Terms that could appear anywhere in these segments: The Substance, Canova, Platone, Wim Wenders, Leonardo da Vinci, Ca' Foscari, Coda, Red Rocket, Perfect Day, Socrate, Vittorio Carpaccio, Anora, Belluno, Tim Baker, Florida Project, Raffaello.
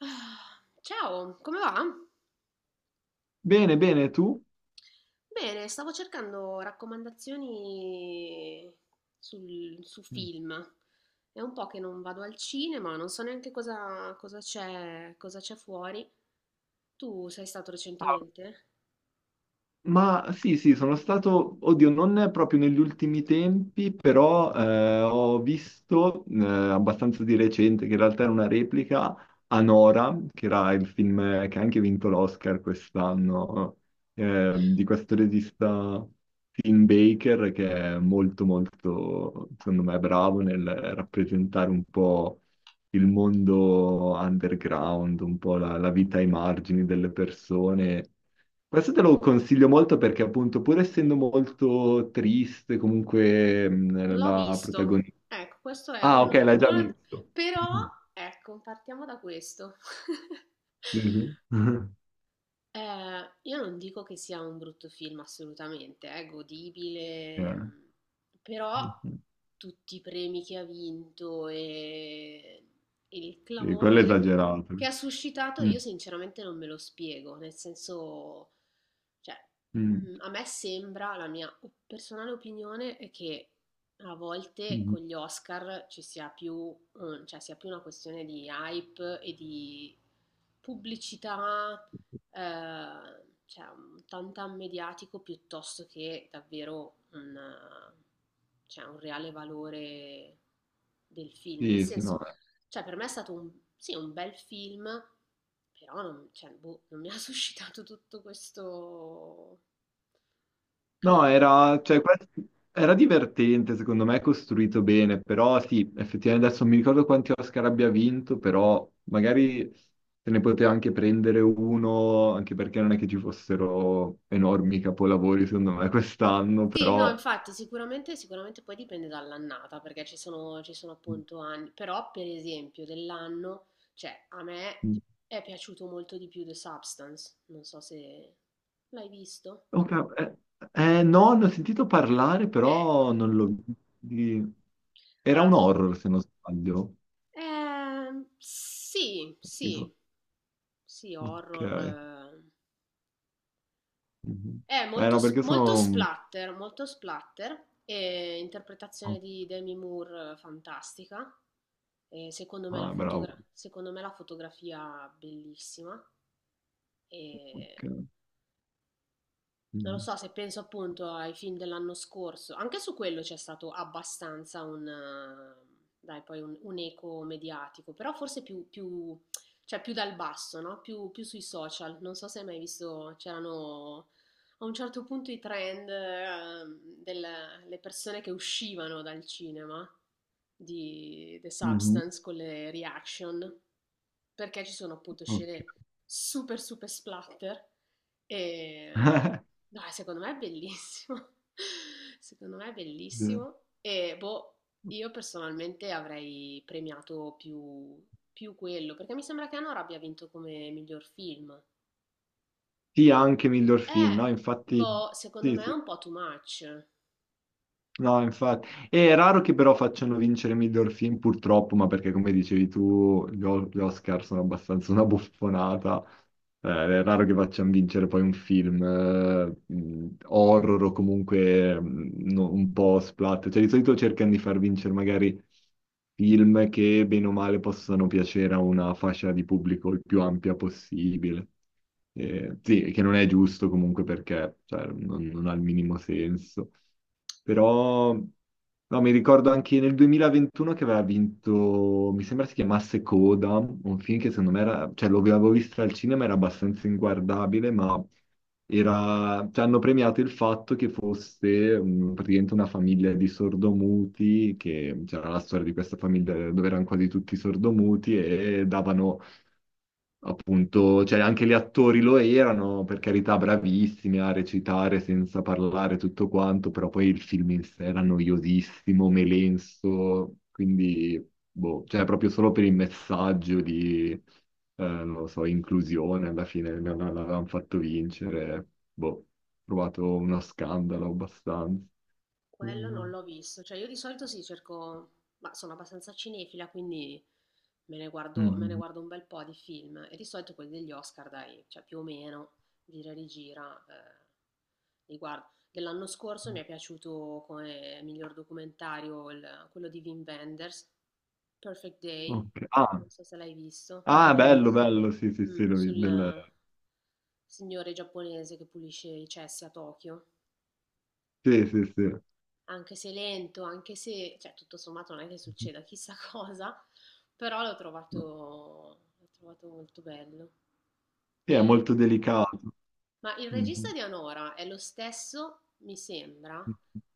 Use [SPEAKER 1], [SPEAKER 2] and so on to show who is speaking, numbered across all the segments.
[SPEAKER 1] Ah, ciao, come va?
[SPEAKER 2] Bene, bene, tu?
[SPEAKER 1] Bene, stavo cercando raccomandazioni su
[SPEAKER 2] Mm.
[SPEAKER 1] film. È un po' che non vado al cinema, non so neanche cosa c'è fuori. Tu sei stato
[SPEAKER 2] Ah,
[SPEAKER 1] recentemente?
[SPEAKER 2] ma sì, sì, sono stato, oddio, non proprio negli ultimi tempi, però ho visto abbastanza di recente, che in realtà era una replica, Anora, che era il film che ha anche vinto l'Oscar quest'anno, di questo regista Tim Baker, che è molto, molto, secondo me, bravo nel rappresentare un po' il mondo underground, un po' la vita ai margini delle persone. Questo te lo consiglio molto perché appunto pur essendo molto triste comunque
[SPEAKER 1] L'ho
[SPEAKER 2] la
[SPEAKER 1] visto.
[SPEAKER 2] protagonista...
[SPEAKER 1] Ecco, questo è
[SPEAKER 2] Ah, ok,
[SPEAKER 1] uno,
[SPEAKER 2] l'hai già
[SPEAKER 1] uno-
[SPEAKER 2] visto.
[SPEAKER 1] Però, ecco, partiamo da questo.
[SPEAKER 2] Sì, sì.
[SPEAKER 1] Io non dico che sia un brutto film assolutamente, è
[SPEAKER 2] Eh,
[SPEAKER 1] godibile, però tutti i premi che ha vinto e il
[SPEAKER 2] sì, quello è
[SPEAKER 1] clamore
[SPEAKER 2] esagerato.
[SPEAKER 1] che ha suscitato
[SPEAKER 2] Mm,
[SPEAKER 1] io sinceramente non me lo spiego, nel senso, cioè,
[SPEAKER 2] mm,
[SPEAKER 1] a me sembra, la mia personale opinione è che a volte
[SPEAKER 2] mm.
[SPEAKER 1] con gli Oscar ci sia più, cioè, sia più una questione di hype e di pubblicità cioè un tantan mediatico piuttosto che davvero un, cioè, un reale valore del film. Nel
[SPEAKER 2] Sì, sì, no.
[SPEAKER 1] senso, cioè per me è stato un, sì, un bel film, però non, cioè, boh, non mi ha suscitato tutto questo
[SPEAKER 2] No,
[SPEAKER 1] clamore.
[SPEAKER 2] era, cioè, era divertente, secondo me, costruito bene, però sì, effettivamente adesso non mi ricordo quanti Oscar abbia vinto, però magari se ne poteva anche prendere uno, anche perché non è che ci fossero enormi capolavori, secondo me, quest'anno,
[SPEAKER 1] Sì, no,
[SPEAKER 2] però...
[SPEAKER 1] infatti sicuramente poi dipende dall'annata, perché ci sono appunto anni, però per esempio dell'anno, cioè a me è piaciuto molto di più The Substance, non so se l'hai visto.
[SPEAKER 2] Oh, no, ne ho sentito parlare,
[SPEAKER 1] Ecco,
[SPEAKER 2] però non l'ho... di- Era un
[SPEAKER 1] allora,
[SPEAKER 2] horror, se non sbaglio.
[SPEAKER 1] sì,
[SPEAKER 2] Dico,
[SPEAKER 1] sì, sì,
[SPEAKER 2] ok.
[SPEAKER 1] horror, eh,
[SPEAKER 2] Mhm.
[SPEAKER 1] è
[SPEAKER 2] Eh
[SPEAKER 1] molto,
[SPEAKER 2] no, perché sono...
[SPEAKER 1] molto splatter, e interpretazione di Demi Moore fantastica, e secondo me la
[SPEAKER 2] Ah, bravo.
[SPEAKER 1] secondo me la fotografia bellissima, e
[SPEAKER 2] Ok.
[SPEAKER 1] non lo
[SPEAKER 2] Mhm.
[SPEAKER 1] so, se penso appunto ai film dell'anno scorso, anche su quello c'è stato abbastanza un, dai, poi un eco mediatico, però forse cioè più dal basso, no? Più, più sui social. Non so se hai mai visto, c'erano a un certo punto i trend, delle persone che uscivano dal cinema di The
[SPEAKER 2] Mhm.
[SPEAKER 1] Substance con le reaction perché ci sono appunto scene
[SPEAKER 2] Ok.
[SPEAKER 1] super super splatter e no, secondo me è bellissimo. Secondo me è bellissimo e boh, io personalmente avrei premiato più, più quello, perché mi sembra che Anora abbia vinto come miglior film.
[SPEAKER 2] Sì, anche miglior film, no? Infatti,
[SPEAKER 1] Boh, secondo
[SPEAKER 2] sì,
[SPEAKER 1] me è
[SPEAKER 2] sì.
[SPEAKER 1] un po' too much.
[SPEAKER 2] No, infatti. È raro che però facciano vincere miglior film, purtroppo, ma perché come dicevi tu, gli Oscar sono abbastanza una buffonata. È raro che facciano vincere poi un film horror o comunque un po' splat. Cioè, di solito cercano di far vincere magari film che bene o male possano piacere a una fascia di pubblico il più ampia possibile. Sì, che non è giusto comunque perché cioè, non ha il minimo senso. Però no, mi ricordo anche nel 2021 che aveva vinto, mi sembra si chiamasse Coda, un film che secondo me era, cioè lo avevo visto al cinema, era abbastanza inguardabile, ma era, cioè, hanno premiato il fatto che fosse praticamente una famiglia di sordomuti, che c'era la storia di questa famiglia dove erano quasi tutti sordomuti e davano appunto, cioè anche gli attori lo erano, per carità, bravissimi a recitare senza parlare tutto quanto, però poi il film in sé era noiosissimo, melenso, quindi, boh, cioè proprio solo per il messaggio di, non lo so, inclusione, alla fine l'avevano fatto vincere, boh, ho trovato uno scandalo abbastanza.
[SPEAKER 1] Quello
[SPEAKER 2] Mm.
[SPEAKER 1] non l'ho visto, cioè io di solito sì, cerco, ma sono abbastanza cinefila, quindi me ne
[SPEAKER 2] Mm.
[SPEAKER 1] guardo un bel po' di film e di solito quelli degli Oscar, dai, cioè più o meno, gira e rigira, li guardo. Dell'anno scorso mi è piaciuto come miglior documentario quello di Wim Wenders, Perfect Day,
[SPEAKER 2] Ok. Ah,
[SPEAKER 1] non so se l'hai visto.
[SPEAKER 2] ah, bello, bello, sì, sì,
[SPEAKER 1] Mm,
[SPEAKER 2] sì,
[SPEAKER 1] sul
[SPEAKER 2] del...
[SPEAKER 1] signore giapponese che pulisce i cessi a Tokyo.
[SPEAKER 2] Sì,
[SPEAKER 1] Quello
[SPEAKER 2] sì,
[SPEAKER 1] anche se lento, anche se, cioè tutto sommato non è che succeda chissà cosa, però
[SPEAKER 2] sì.
[SPEAKER 1] l'ho trovato molto bello.
[SPEAKER 2] Sì, è
[SPEAKER 1] E-
[SPEAKER 2] molto delicato.
[SPEAKER 1] ma il regista
[SPEAKER 2] Mhm.
[SPEAKER 1] di Anora è lo stesso, mi sembra,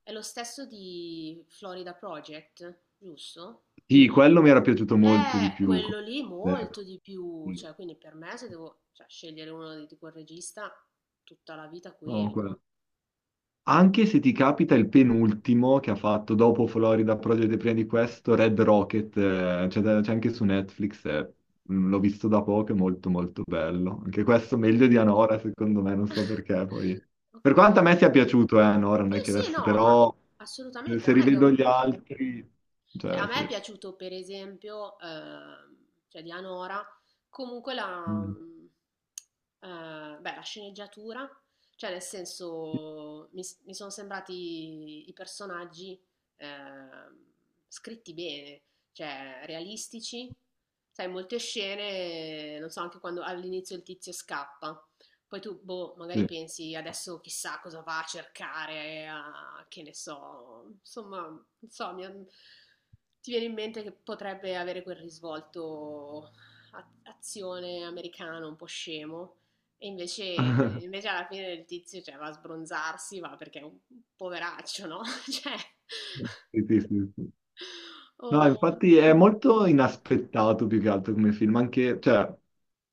[SPEAKER 1] è lo stesso di Florida Project, giusto?
[SPEAKER 2] Sì, quello mi era piaciuto molto di più. Come
[SPEAKER 1] Quello lì molto
[SPEAKER 2] zero.
[SPEAKER 1] di più,
[SPEAKER 2] Sì.
[SPEAKER 1] cioè quindi per me se devo cioè, scegliere di quel regista, tutta la vita
[SPEAKER 2] No,
[SPEAKER 1] quello.
[SPEAKER 2] quello. Anche se ti capita il penultimo che ha fatto dopo Florida Project e prima di questo, Red Rocket, c'è c'è anche su Netflix, l'ho visto da poco, è molto molto bello. Anche questo meglio di Anora, secondo me, non so perché poi. Per
[SPEAKER 1] Ok.
[SPEAKER 2] quanto a me sia piaciuto, Anora, non
[SPEAKER 1] Sì,
[SPEAKER 2] è che
[SPEAKER 1] sì,
[SPEAKER 2] adesso,
[SPEAKER 1] no, ma
[SPEAKER 2] però
[SPEAKER 1] assolutamente,
[SPEAKER 2] se
[SPEAKER 1] non è che è
[SPEAKER 2] rivedo
[SPEAKER 1] un...
[SPEAKER 2] gli altri,
[SPEAKER 1] Cioè,
[SPEAKER 2] cioè
[SPEAKER 1] a me è
[SPEAKER 2] sì.
[SPEAKER 1] piaciuto, per esempio, cioè di Anora, comunque la,
[SPEAKER 2] Mm.
[SPEAKER 1] beh, la sceneggiatura, cioè nel
[SPEAKER 2] Sì.
[SPEAKER 1] senso mi, mi sono sembrati i personaggi ehm, scritti bene, cioè realistici. Sai, molte scene, non so, anche quando all'inizio il tizio scappa. Poi tu, boh, magari
[SPEAKER 2] Sì.
[SPEAKER 1] pensi adesso chissà cosa va a cercare, che ne so, insomma, non so, mi- ti viene in mente che potrebbe avere quel risvolto azione americano un po' scemo, e invece alla fine del tizio cioè, va a sbronzarsi, va perché è un poveraccio, no? Cioè,
[SPEAKER 2] Sì, sì, sì, sì. No,
[SPEAKER 1] o-
[SPEAKER 2] infatti è molto inaspettato più che altro come film, anche, cioè,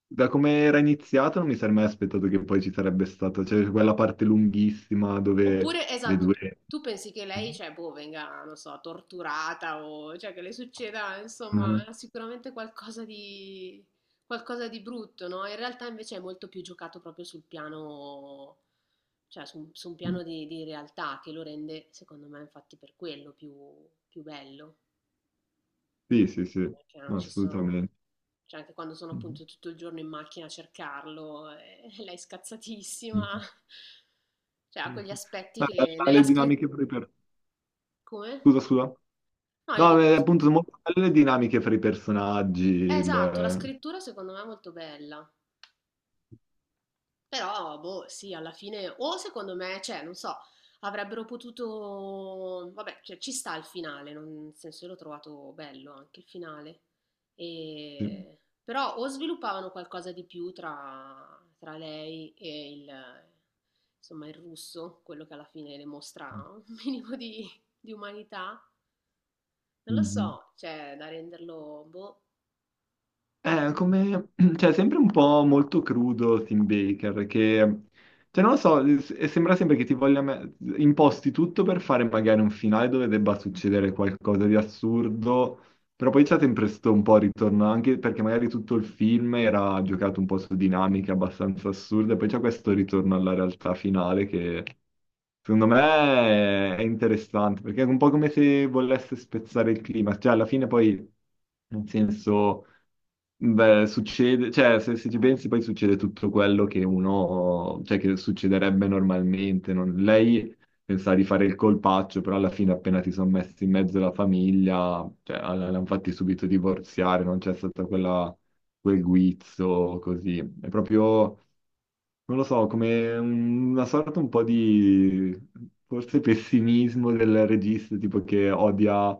[SPEAKER 2] da come era iniziato non mi sarei mai aspettato che poi ci sarebbe stata, cioè, quella parte lunghissima dove
[SPEAKER 1] oppure,
[SPEAKER 2] le
[SPEAKER 1] esatto,
[SPEAKER 2] due...
[SPEAKER 1] tu pensi che lei, cioè, boh, venga, non so, torturata o cioè, che le succeda, insomma,
[SPEAKER 2] Mhm.
[SPEAKER 1] sicuramente qualcosa di brutto, no? In realtà invece è molto più giocato proprio sul piano. Cioè su un piano di realtà che lo rende, secondo me, infatti per quello più bello,
[SPEAKER 2] Sì, sì, sì,
[SPEAKER 1] perché non
[SPEAKER 2] no,
[SPEAKER 1] ci sono
[SPEAKER 2] assolutamente.
[SPEAKER 1] cioè anche quando sono
[SPEAKER 2] Mhm.
[SPEAKER 1] appunto tutto il giorno in macchina a cercarlo e lei è scazzatissima.
[SPEAKER 2] Mhm.
[SPEAKER 1] Cioè ha quegli aspetti
[SPEAKER 2] No,
[SPEAKER 1] che
[SPEAKER 2] bella
[SPEAKER 1] nella
[SPEAKER 2] le
[SPEAKER 1] scri
[SPEAKER 2] dinamiche
[SPEAKER 1] come?
[SPEAKER 2] scusa, scusa.
[SPEAKER 1] No io
[SPEAKER 2] No,
[SPEAKER 1] dico s
[SPEAKER 2] appunto, sono molto belle le dinamiche fra i personaggi,
[SPEAKER 1] esatto, la
[SPEAKER 2] il...
[SPEAKER 1] scrittura secondo me è molto bella. Però, boh, sì, alla fine, o secondo me, cioè, non so, avrebbero potuto, vabbè, cioè, ci sta il finale, non- nel senso, io l'ho trovato bello anche il finale,
[SPEAKER 2] Sì.
[SPEAKER 1] E- però o sviluppavano qualcosa di più tra lei e il, insomma, il russo, quello che alla fine le mostra un minimo di umanità, non lo
[SPEAKER 2] Mhm.
[SPEAKER 1] so, cioè, da renderlo, boh,
[SPEAKER 2] È come, cioè, sempre un po' molto crudo Tim Baker, che, cioè, non lo so, e sembra sempre che ti voglia imposti tutto per fare magari un finale dove debba succedere qualcosa di assurdo, però poi c'è sempre sto un po' ritorno, anche perché magari tutto il film era giocato un po' su dinamiche abbastanza assurde, e poi c'è questo ritorno alla realtà finale che, secondo me, è interessante, perché è un po' come se volesse spezzare il clima, cioè, alla fine poi, nel senso... Beh, succede, cioè se ci pensi poi succede tutto quello che uno, cioè che succederebbe normalmente. Lei pensava di fare il colpaccio, però alla fine appena ti sono messi in mezzo la famiglia, cioè l'hanno fatti subito divorziare, non c'è stato quella, quel guizzo così. È proprio non lo so, come una sorta un po' di forse pessimismo del regista, tipo che odia,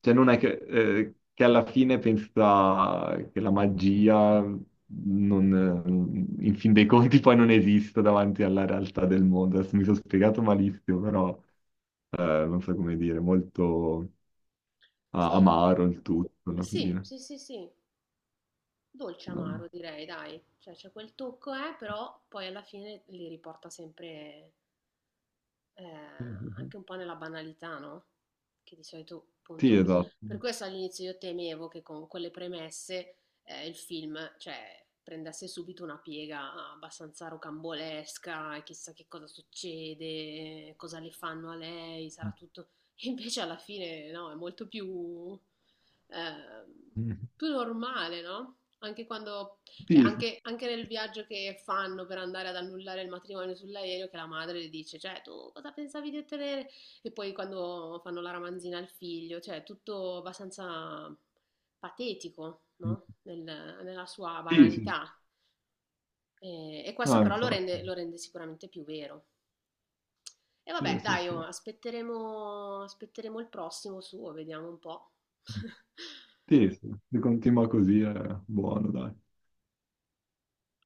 [SPEAKER 2] cioè non è che alla fine pensa che la magia non, in fin dei conti poi non esista davanti alla realtà del mondo. Adesso mi sono spiegato malissimo, però non so come dire, molto
[SPEAKER 1] sì,
[SPEAKER 2] amaro il tutto alla
[SPEAKER 1] sì,
[SPEAKER 2] fine.
[SPEAKER 1] sì, sì, sì. Dolce amaro direi dai, cioè c'è quel tocco, però poi alla fine li riporta sempre eh, anche un po' nella banalità, no? Che di solito,
[SPEAKER 2] Sì,
[SPEAKER 1] appunto,
[SPEAKER 2] esatto.
[SPEAKER 1] per questo all'inizio io temevo che con quelle premesse il film, cioè, prendesse subito una piega abbastanza rocambolesca, e chissà che cosa succede, cosa le fanno a lei, sarà tutto... E invece alla fine, no, è molto più, eh, più normale, no? Anche quando cioè,
[SPEAKER 2] Sì, sì,
[SPEAKER 1] anche nel viaggio che fanno per andare ad annullare il matrimonio sull'aereo, che la madre le dice, cioè, tu cosa pensavi di ottenere? E poi quando fanno la ramanzina al figlio, cioè, tutto abbastanza patetico, no? Nella sua
[SPEAKER 2] sì, sì. Sì.
[SPEAKER 1] banalità. E questo
[SPEAKER 2] No,
[SPEAKER 1] però
[SPEAKER 2] infatti.
[SPEAKER 1] lo rende sicuramente più vero. E
[SPEAKER 2] Sì,
[SPEAKER 1] vabbè,
[SPEAKER 2] sì,
[SPEAKER 1] dai, oh,
[SPEAKER 2] sì.
[SPEAKER 1] aspetteremo il prossimo suo, vediamo un po'.
[SPEAKER 2] Sì, sì, se continua così è buono, dai.